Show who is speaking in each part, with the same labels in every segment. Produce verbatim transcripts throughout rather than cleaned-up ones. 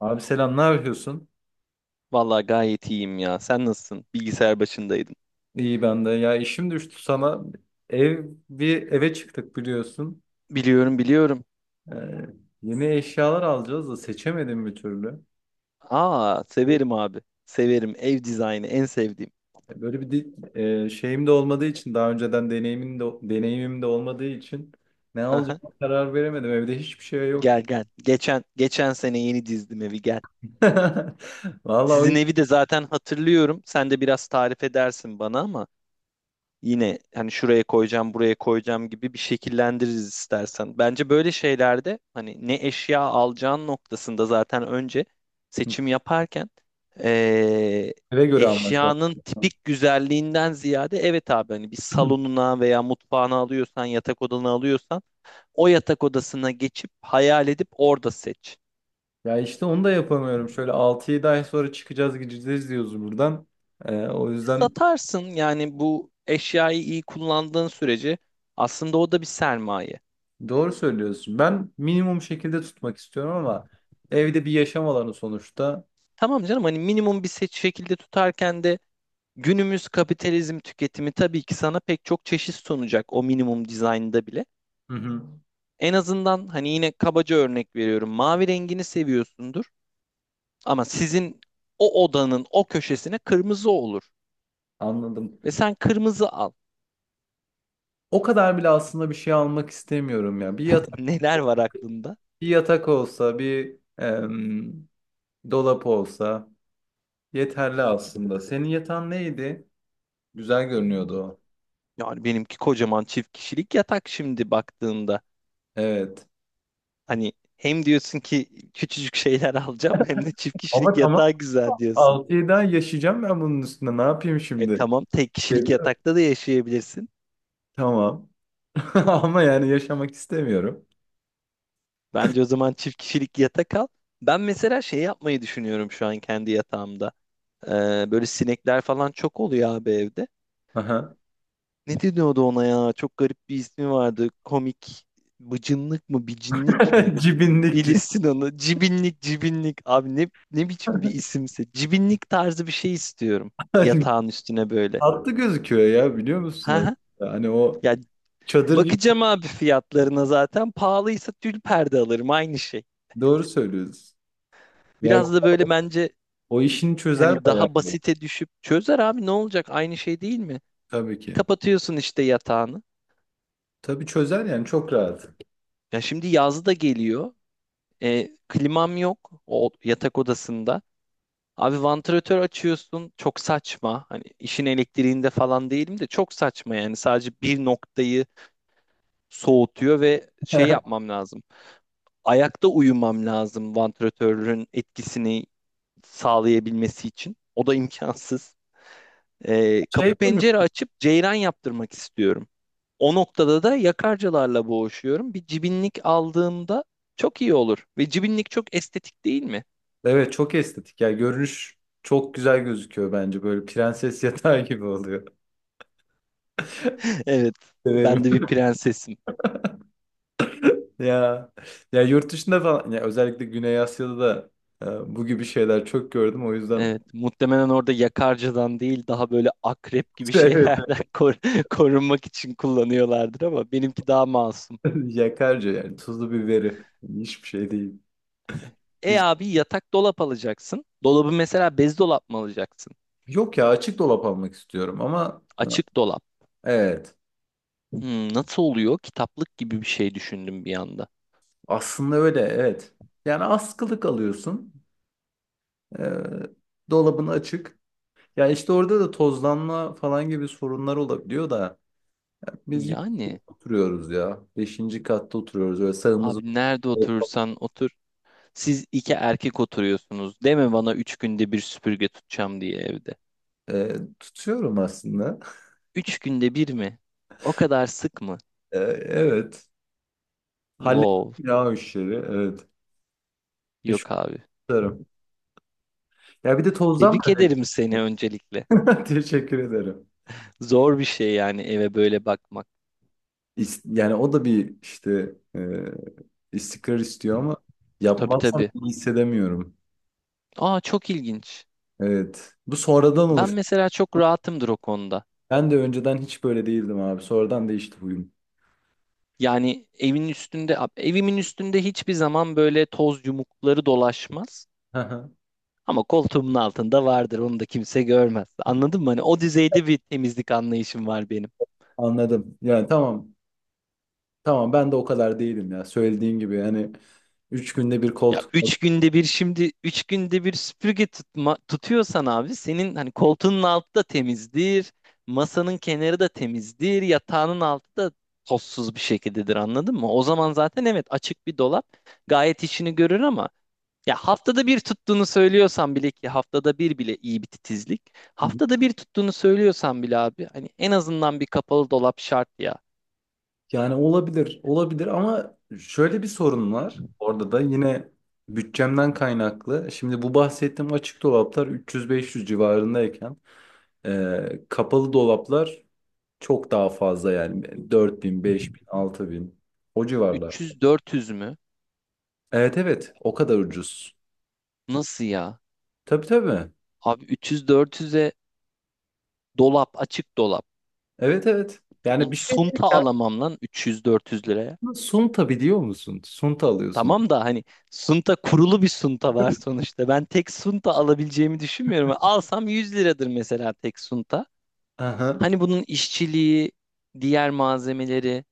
Speaker 1: Abi selam, ne yapıyorsun?
Speaker 2: Vallahi gayet iyiyim ya. Sen nasılsın? Bilgisayar başındaydın.
Speaker 1: İyi ben de. Ya işim düştü sana. Ev Bir eve çıktık biliyorsun.
Speaker 2: Biliyorum, biliyorum.
Speaker 1: Ee, Yeni eşyalar alacağız da seçemedim bir türlü.
Speaker 2: Aa,
Speaker 1: Ee,
Speaker 2: severim abi. Severim. Ev dizaynı en sevdiğim.
Speaker 1: Böyle bir di- e, Şeyim de olmadığı için daha önceden deneyimin de deneyimim de olmadığı için ne
Speaker 2: Aha.
Speaker 1: alacağıma karar veremedim. Evde hiçbir şey yok.
Speaker 2: Gel gel. Geçen geçen sene yeni dizdim evi, gel.
Speaker 1: Vallahi o
Speaker 2: Sizin
Speaker 1: yüzden
Speaker 2: evi de zaten hatırlıyorum. Sen de biraz tarif edersin bana ama yine hani şuraya koyacağım, buraya koyacağım gibi bir şekillendiririz istersen. Bence böyle şeylerde hani ne eşya alacağın noktasında zaten önce seçim yaparken eee,
Speaker 1: eve göre almak lazım.
Speaker 2: eşyanın tipik güzelliğinden ziyade evet abi hani bir salonuna veya mutfağına alıyorsan, yatak odana alıyorsan o yatak odasına geçip hayal edip orada seç.
Speaker 1: Ya işte onu da yapamıyorum. Şöyle altı yedi ay sonra çıkacağız gideceğiz diyoruz buradan. Ee, o yüzden
Speaker 2: Satarsın yani bu eşyayı iyi kullandığın sürece, aslında o da bir sermaye.
Speaker 1: doğru söylüyorsun. Ben minimum şekilde tutmak istiyorum ama evde bir yaşam alanı sonuçta.
Speaker 2: Tamam canım, hani minimum bir seç şekilde tutarken de günümüz kapitalizm tüketimi tabii ki sana pek çok çeşit sunacak o minimum dizaynda bile.
Speaker 1: Hı hı.
Speaker 2: En azından hani yine kabaca örnek veriyorum, mavi rengini seviyorsundur ama sizin o odanın o köşesine kırmızı olur
Speaker 1: Anladım.
Speaker 2: ve sen kırmızı al.
Speaker 1: O kadar bile aslında bir şey almak istemiyorum ya. Bir yatak,
Speaker 2: Neler var aklında?
Speaker 1: bir yatak olsa, bir em, dolap olsa yeterli aslında. Senin yatan neydi? Güzel görünüyordu o.
Speaker 2: Yani benimki kocaman çift kişilik yatak. Şimdi baktığında
Speaker 1: Evet.
Speaker 2: hani hem diyorsun ki küçücük şeyler alacağım hem de çift kişilik
Speaker 1: Ama tamam.
Speaker 2: yatağı güzel diyorsun.
Speaker 1: altı yedi ay yaşayacağım ben bunun üstüne. Ne yapayım
Speaker 2: E
Speaker 1: şimdi?
Speaker 2: tamam, tek kişilik
Speaker 1: Seviyorum.
Speaker 2: yatakta da yaşayabilirsin.
Speaker 1: Tamam. Ama yani yaşamak istemiyorum.
Speaker 2: Bence o zaman çift kişilik yatak al. Ben mesela şey yapmayı düşünüyorum şu an kendi yatağımda. Ee, böyle sinekler falan çok oluyor abi evde.
Speaker 1: Aha.
Speaker 2: Ne deniyordu ona ya? Çok garip bir ismi vardı. Komik. Bıcınlık mı? Bicinlik mi?
Speaker 1: Cibinlik.
Speaker 2: Bilirsin onu. Cibinlik, cibinlik. Abi ne, ne biçim bir isimse. Cibinlik tarzı bir şey istiyorum. Yatağın üstüne böyle.
Speaker 1: Tatlı gözüküyor ya biliyor musun
Speaker 2: Ha ha.
Speaker 1: aslında? Hani o
Speaker 2: Ya
Speaker 1: çadır gibi,
Speaker 2: bakacağım abi fiyatlarına zaten. Pahalıysa tül perde alırım. Aynı şey.
Speaker 1: doğru söylüyoruz. Ya
Speaker 2: Biraz da böyle bence,
Speaker 1: o işini çözer
Speaker 2: hani
Speaker 1: bayağı.
Speaker 2: daha basite düşüp çözer abi, ne olacak, aynı şey değil mi?
Speaker 1: Tabii ki.
Speaker 2: Kapatıyorsun işte yatağını.
Speaker 1: Tabii çözer yani çok rahat.
Speaker 2: Ya şimdi yaz da geliyor. E, klimam yok o yatak odasında. Abi vantilatör açıyorsun, çok saçma. Hani işin elektriğinde falan değilim de çok saçma yani, sadece bir noktayı soğutuyor ve şey yapmam lazım. Ayakta uyumam lazım vantilatörün etkisini sağlayabilmesi için. O da imkansız. E,
Speaker 1: Şey
Speaker 2: kapı
Speaker 1: değil mi?
Speaker 2: pencere açıp ceyran yaptırmak istiyorum. O noktada da yakarcılarla boğuşuyorum. Bir cibinlik aldığımda çok iyi olur. Ve cibinlik çok estetik değil mi?
Speaker 1: Evet çok estetik. Ya görünüş çok güzel gözüküyor bence. Böyle prenses yatağı gibi oluyor.
Speaker 2: Evet,
Speaker 1: Severim.
Speaker 2: ben de bir prensesim.
Speaker 1: Ya ya yurt dışında falan ya özellikle Güney Asya'da da e, bu gibi şeyler çok gördüm. O yüzden
Speaker 2: Evet, muhtemelen orada yakarcadan değil daha böyle akrep gibi
Speaker 1: evet.
Speaker 2: şeylerden kor- korunmak için kullanıyorlardır ama benimki daha masum.
Speaker 1: Yakarca yani tuzlu biberi hiçbir şey değil.
Speaker 2: E abi yatak, dolap alacaksın. Dolabı mesela bez dolap mı alacaksın?
Speaker 1: Yok ya açık dolap almak istiyorum ama
Speaker 2: Açık
Speaker 1: e,
Speaker 2: dolap.
Speaker 1: evet,
Speaker 2: Hmm, nasıl oluyor? Kitaplık gibi bir şey düşündüm bir anda.
Speaker 1: aslında öyle evet. Yani askılık alıyorsun, ee, dolabın açık. Ya işte orada da tozlanma falan gibi sorunlar olabiliyor da biz yüksek
Speaker 2: Yani
Speaker 1: oturuyoruz ya. Beşinci katta oturuyoruz öyle sağımızı...
Speaker 2: abi nerede oturursan otur. Siz iki erkek oturuyorsunuz. Deme bana üç günde bir süpürge tutacağım diye evde.
Speaker 1: Ee, tutuyorum aslında.
Speaker 2: Üç günde bir mi? O kadar sık mı?
Speaker 1: Ee, evet, hallettim
Speaker 2: Wow.
Speaker 1: ya o işleri, evet.
Speaker 2: Yok
Speaker 1: Teşekkür
Speaker 2: abi.
Speaker 1: ederim. Ya bir de tozdan...
Speaker 2: Tebrik ederim seni öncelikle.
Speaker 1: Teşekkür ederim.
Speaker 2: Zor bir şey yani, eve böyle bakmak.
Speaker 1: İs- Yani o da bir işte, e, İstikrar istiyor ama
Speaker 2: Tabii
Speaker 1: yapmazsam
Speaker 2: tabii.
Speaker 1: iyi hissedemiyorum.
Speaker 2: Aa çok ilginç.
Speaker 1: Evet. Bu sonradan
Speaker 2: Ben
Speaker 1: olur.
Speaker 2: mesela çok rahatımdır o konuda.
Speaker 1: Ben de önceden hiç böyle değildim abi. Sonradan değişti huyum.
Speaker 2: Yani evin üstünde, evimin üstünde hiçbir zaman böyle toz yumukları dolaşmaz.
Speaker 1: Hı hı.
Speaker 2: Ama koltuğumun altında vardır. Onu da kimse görmez. Anladın mı? Hani o düzeyde bir temizlik anlayışım var benim.
Speaker 1: Anladım. Yani tamam. Tamam, ben de o kadar değilim ya. Söylediğin gibi hani üç günde bir
Speaker 2: Ya
Speaker 1: koltuk. Hı
Speaker 2: üç günde bir, şimdi üç günde bir süpürge tutma, tutuyorsan abi senin hani koltuğunun altı da temizdir. Masanın kenarı da temizdir. Yatağının altı da tozsuz bir şekildedir, anladın mı? O zaman zaten, evet, açık bir dolap gayet işini görür ama ya haftada bir tuttuğunu söylüyorsan bile, ki haftada bir bile iyi bir titizlik.
Speaker 1: hı.
Speaker 2: Haftada bir tuttuğunu söylüyorsan bile abi, hani en azından bir kapalı dolap şart ya.
Speaker 1: Yani olabilir. Olabilir ama şöyle bir sorun var. Orada da yine bütçemden kaynaklı. Şimdi bu bahsettiğim açık dolaplar üç yüz beş yüz civarındayken e, kapalı dolaplar çok daha fazla, yani dört bin, beş bin, altı bin, o civarlar.
Speaker 2: üç yüz dört yüz mü?
Speaker 1: Evet evet, o kadar ucuz.
Speaker 2: Nasıl ya?
Speaker 1: Tabii tabii.
Speaker 2: Abi üç yüz dört yüze dolap, açık dolap.
Speaker 1: Evet evet. Yani
Speaker 2: Oğlum,
Speaker 1: bir şey değil
Speaker 2: sunta
Speaker 1: ya.
Speaker 2: alamam lan üç yüz dört yüz liraya.
Speaker 1: Sunta biliyor musun? Sunta alıyorsun.
Speaker 2: Tamam da hani sunta kurulu bir sunta var sonuçta. Ben tek sunta alabileceğimi düşünmüyorum. Alsam yüz liradır mesela tek sunta.
Speaker 1: Aha.
Speaker 2: Hani bunun işçiliği, diğer malzemeleri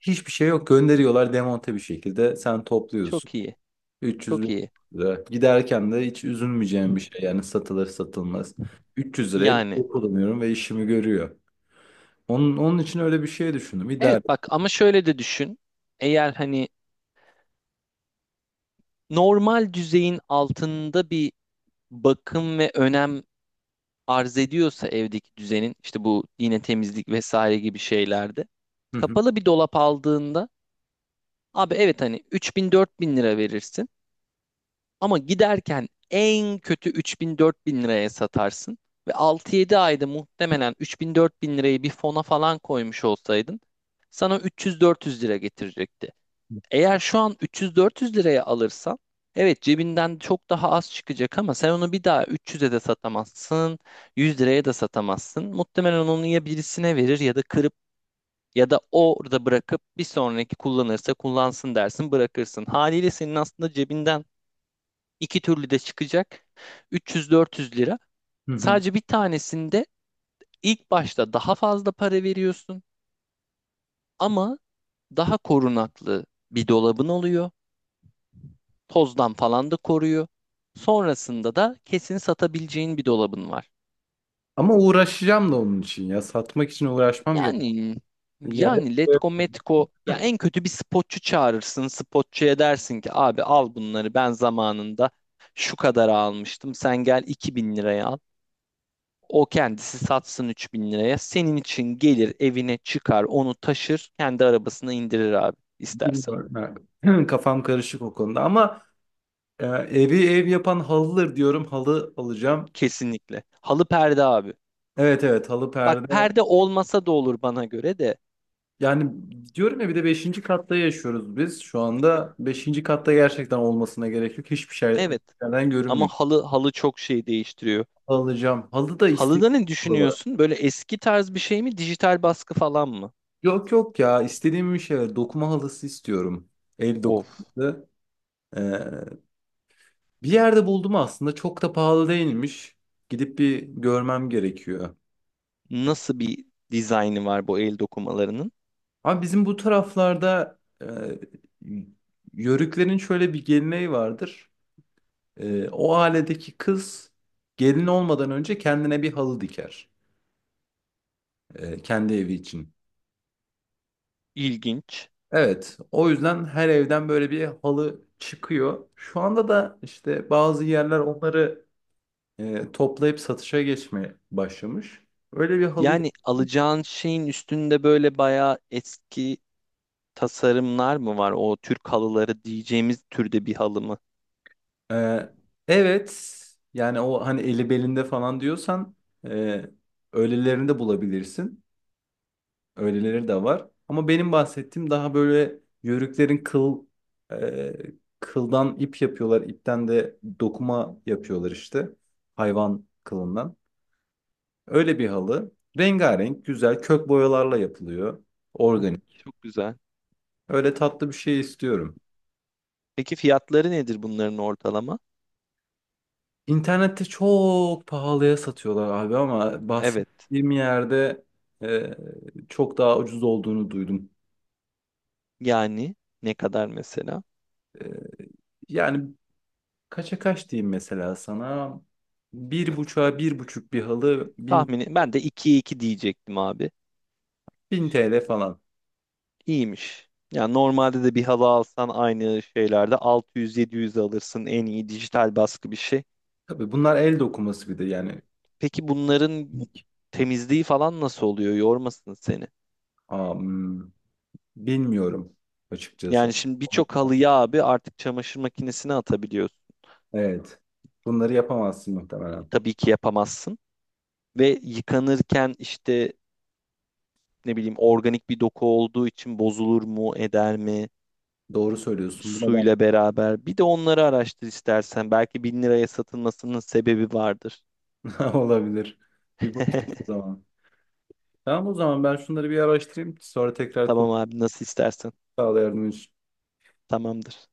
Speaker 1: Hiçbir şey yok. Gönderiyorlar demonte bir şekilde. Sen topluyorsun.
Speaker 2: çok iyi.
Speaker 1: 300
Speaker 2: Çok
Speaker 1: bin
Speaker 2: iyi.
Speaker 1: lira. Giderken de hiç üzülmeyeceğim bir şey. Yani satılır satılmaz. Üç yüz liraya bir
Speaker 2: Yani
Speaker 1: şey kullanıyorum ve işimi görüyor. Onun, onun için öyle bir şey düşündüm. İdare.
Speaker 2: evet, bak ama şöyle de düşün. Eğer hani normal düzeyin altında bir bakım ve önem arz ediyorsa evdeki düzenin, işte bu yine temizlik vesaire gibi şeylerde
Speaker 1: Hı hı.
Speaker 2: kapalı bir dolap aldığında abi, evet hani 3000 bin lira verirsin ama giderken en kötü 3000 bin liraya satarsın ve altı yedi ayda muhtemelen 3000 bin lirayı bir fona falan koymuş olsaydın sana üç yüz dört yüz lira getirecekti. Eğer şu an üç yüz dört yüz liraya alırsan evet cebinden çok daha az çıkacak ama sen onu bir daha üç yüze de satamazsın, yüz liraya da satamazsın. Muhtemelen onu ya birisine verir, ya da kırıp, ya da orada bırakıp bir sonraki kullanırsa kullansın dersin, bırakırsın. Haliyle senin aslında cebinden iki türlü de çıkacak üç yüz dört yüz lira.
Speaker 1: Hı hı.
Speaker 2: Sadece bir tanesinde ilk başta daha fazla para veriyorsun ama daha korunaklı bir dolabın oluyor. Tozdan falan da koruyor. Sonrasında da kesin satabileceğin bir dolabın var.
Speaker 1: Ama uğraşacağım da onun için ya. Satmak için uğraşmam gerek.
Speaker 2: Yani
Speaker 1: Yani
Speaker 2: yani Letgo Metko, ya en kötü bir spotçu çağırırsın. Spotçuya dersin ki abi al bunları, ben zamanında şu kadar almıştım. Sen gel iki bin liraya al. O kendisi satsın üç bin liraya. Senin için gelir, evine çıkar, onu taşır, kendi arabasına indirir abi, istersen.
Speaker 1: bilmiyorum. Ha. Kafam karışık o konuda ama e, evi ev yapan halıdır diyorum. Halı alacağım.
Speaker 2: Kesinlikle. Halı perde abi.
Speaker 1: Evet evet, halı
Speaker 2: Bak
Speaker 1: perde.
Speaker 2: perde olmasa da olur bana göre de.
Speaker 1: Yani diyorum ya, bir de beşinci katta yaşıyoruz biz. Şu anda beşinci katta gerçekten olmasına gerek yok. Hiçbir şey
Speaker 2: Evet.
Speaker 1: şeyden
Speaker 2: Ama
Speaker 1: görünmüyor.
Speaker 2: halı, halı çok şey değiştiriyor.
Speaker 1: Alacağım. Halı da istediğim
Speaker 2: Halıda ne
Speaker 1: halı var.
Speaker 2: düşünüyorsun? Böyle eski tarz bir şey mi? Dijital baskı falan mı?
Speaker 1: Yok yok ya, istediğim bir şey var. Dokuma halısı istiyorum. El
Speaker 2: Of.
Speaker 1: dokuması. Bir yerde buldum aslında, çok da pahalı değilmiş. Gidip bir görmem gerekiyor.
Speaker 2: Nasıl bir dizaynı var bu el dokumalarının?
Speaker 1: Ama bizim bu taraflarda e, yörüklerin şöyle bir geleneği vardır. E, o ailedeki kız gelin olmadan önce kendine bir halı diker. E, kendi evi için.
Speaker 2: İlginç.
Speaker 1: Evet, o yüzden her evden böyle bir halı çıkıyor. Şu anda da işte bazı yerler onları e, toplayıp satışa geçmeye başlamış. Öyle bir halı...
Speaker 2: Yani alacağın şeyin üstünde böyle bayağı eski tasarımlar mı var? O Türk halıları diyeceğimiz türde bir halı mı?
Speaker 1: Ee, evet, yani o hani eli belinde falan diyorsan e, öylelerini de bulabilirsin. Öyleleri de var. Ama benim bahsettiğim daha böyle yörüklerin kıl, e, kıldan ip yapıyorlar, ipten de dokuma yapıyorlar işte. Hayvan kılından. Öyle bir halı. Rengarenk, güzel kök boyalarla yapılıyor.
Speaker 2: Aa,
Speaker 1: Organik.
Speaker 2: çok güzel.
Speaker 1: Öyle tatlı bir şey istiyorum.
Speaker 2: Peki fiyatları nedir bunların ortalama?
Speaker 1: İnternette çok pahalıya satıyorlar abi ama
Speaker 2: Evet.
Speaker 1: bahsettiğim yerde e, çok daha ucuz olduğunu duydum.
Speaker 2: Yani ne kadar mesela?
Speaker 1: E, Yani kaça kaç diyeyim mesela sana? Bir buçuğa bir buçuk bir halı bin,
Speaker 2: Tahmini ben de 2 iki diyecektim abi.
Speaker 1: bin T L falan.
Speaker 2: İyiymiş. Yani normalde de bir halı alsan aynı şeylerde altı yüz yedi yüz alırsın, en iyi dijital baskı bir şey.
Speaker 1: Tabii bunlar el dokuması bir de yani...
Speaker 2: Peki bunların temizliği falan nasıl oluyor? Yormasın seni.
Speaker 1: am, Bilmiyorum açıkçası.
Speaker 2: Yani şimdi birçok halıyı abi artık çamaşır makinesine atabiliyorsun.
Speaker 1: Evet. Bunları yapamazsın muhtemelen.
Speaker 2: Tabii ki yapamazsın. Ve yıkanırken işte, ne bileyim, organik bir doku olduğu için bozulur mu, eder mi
Speaker 1: Doğru söylüyorsun. Buna
Speaker 2: suyla beraber? Bir de onları araştır istersen. Belki bin liraya satılmasının sebebi vardır.
Speaker 1: da olabilir. Bir bakayım o zaman. Tamam o zaman, ben şunları bir araştırayım. Sonra tekrar
Speaker 2: Tamam
Speaker 1: konuşalım.
Speaker 2: abi, nasıl istersen.
Speaker 1: Sağ ol yardımın
Speaker 2: Tamamdır.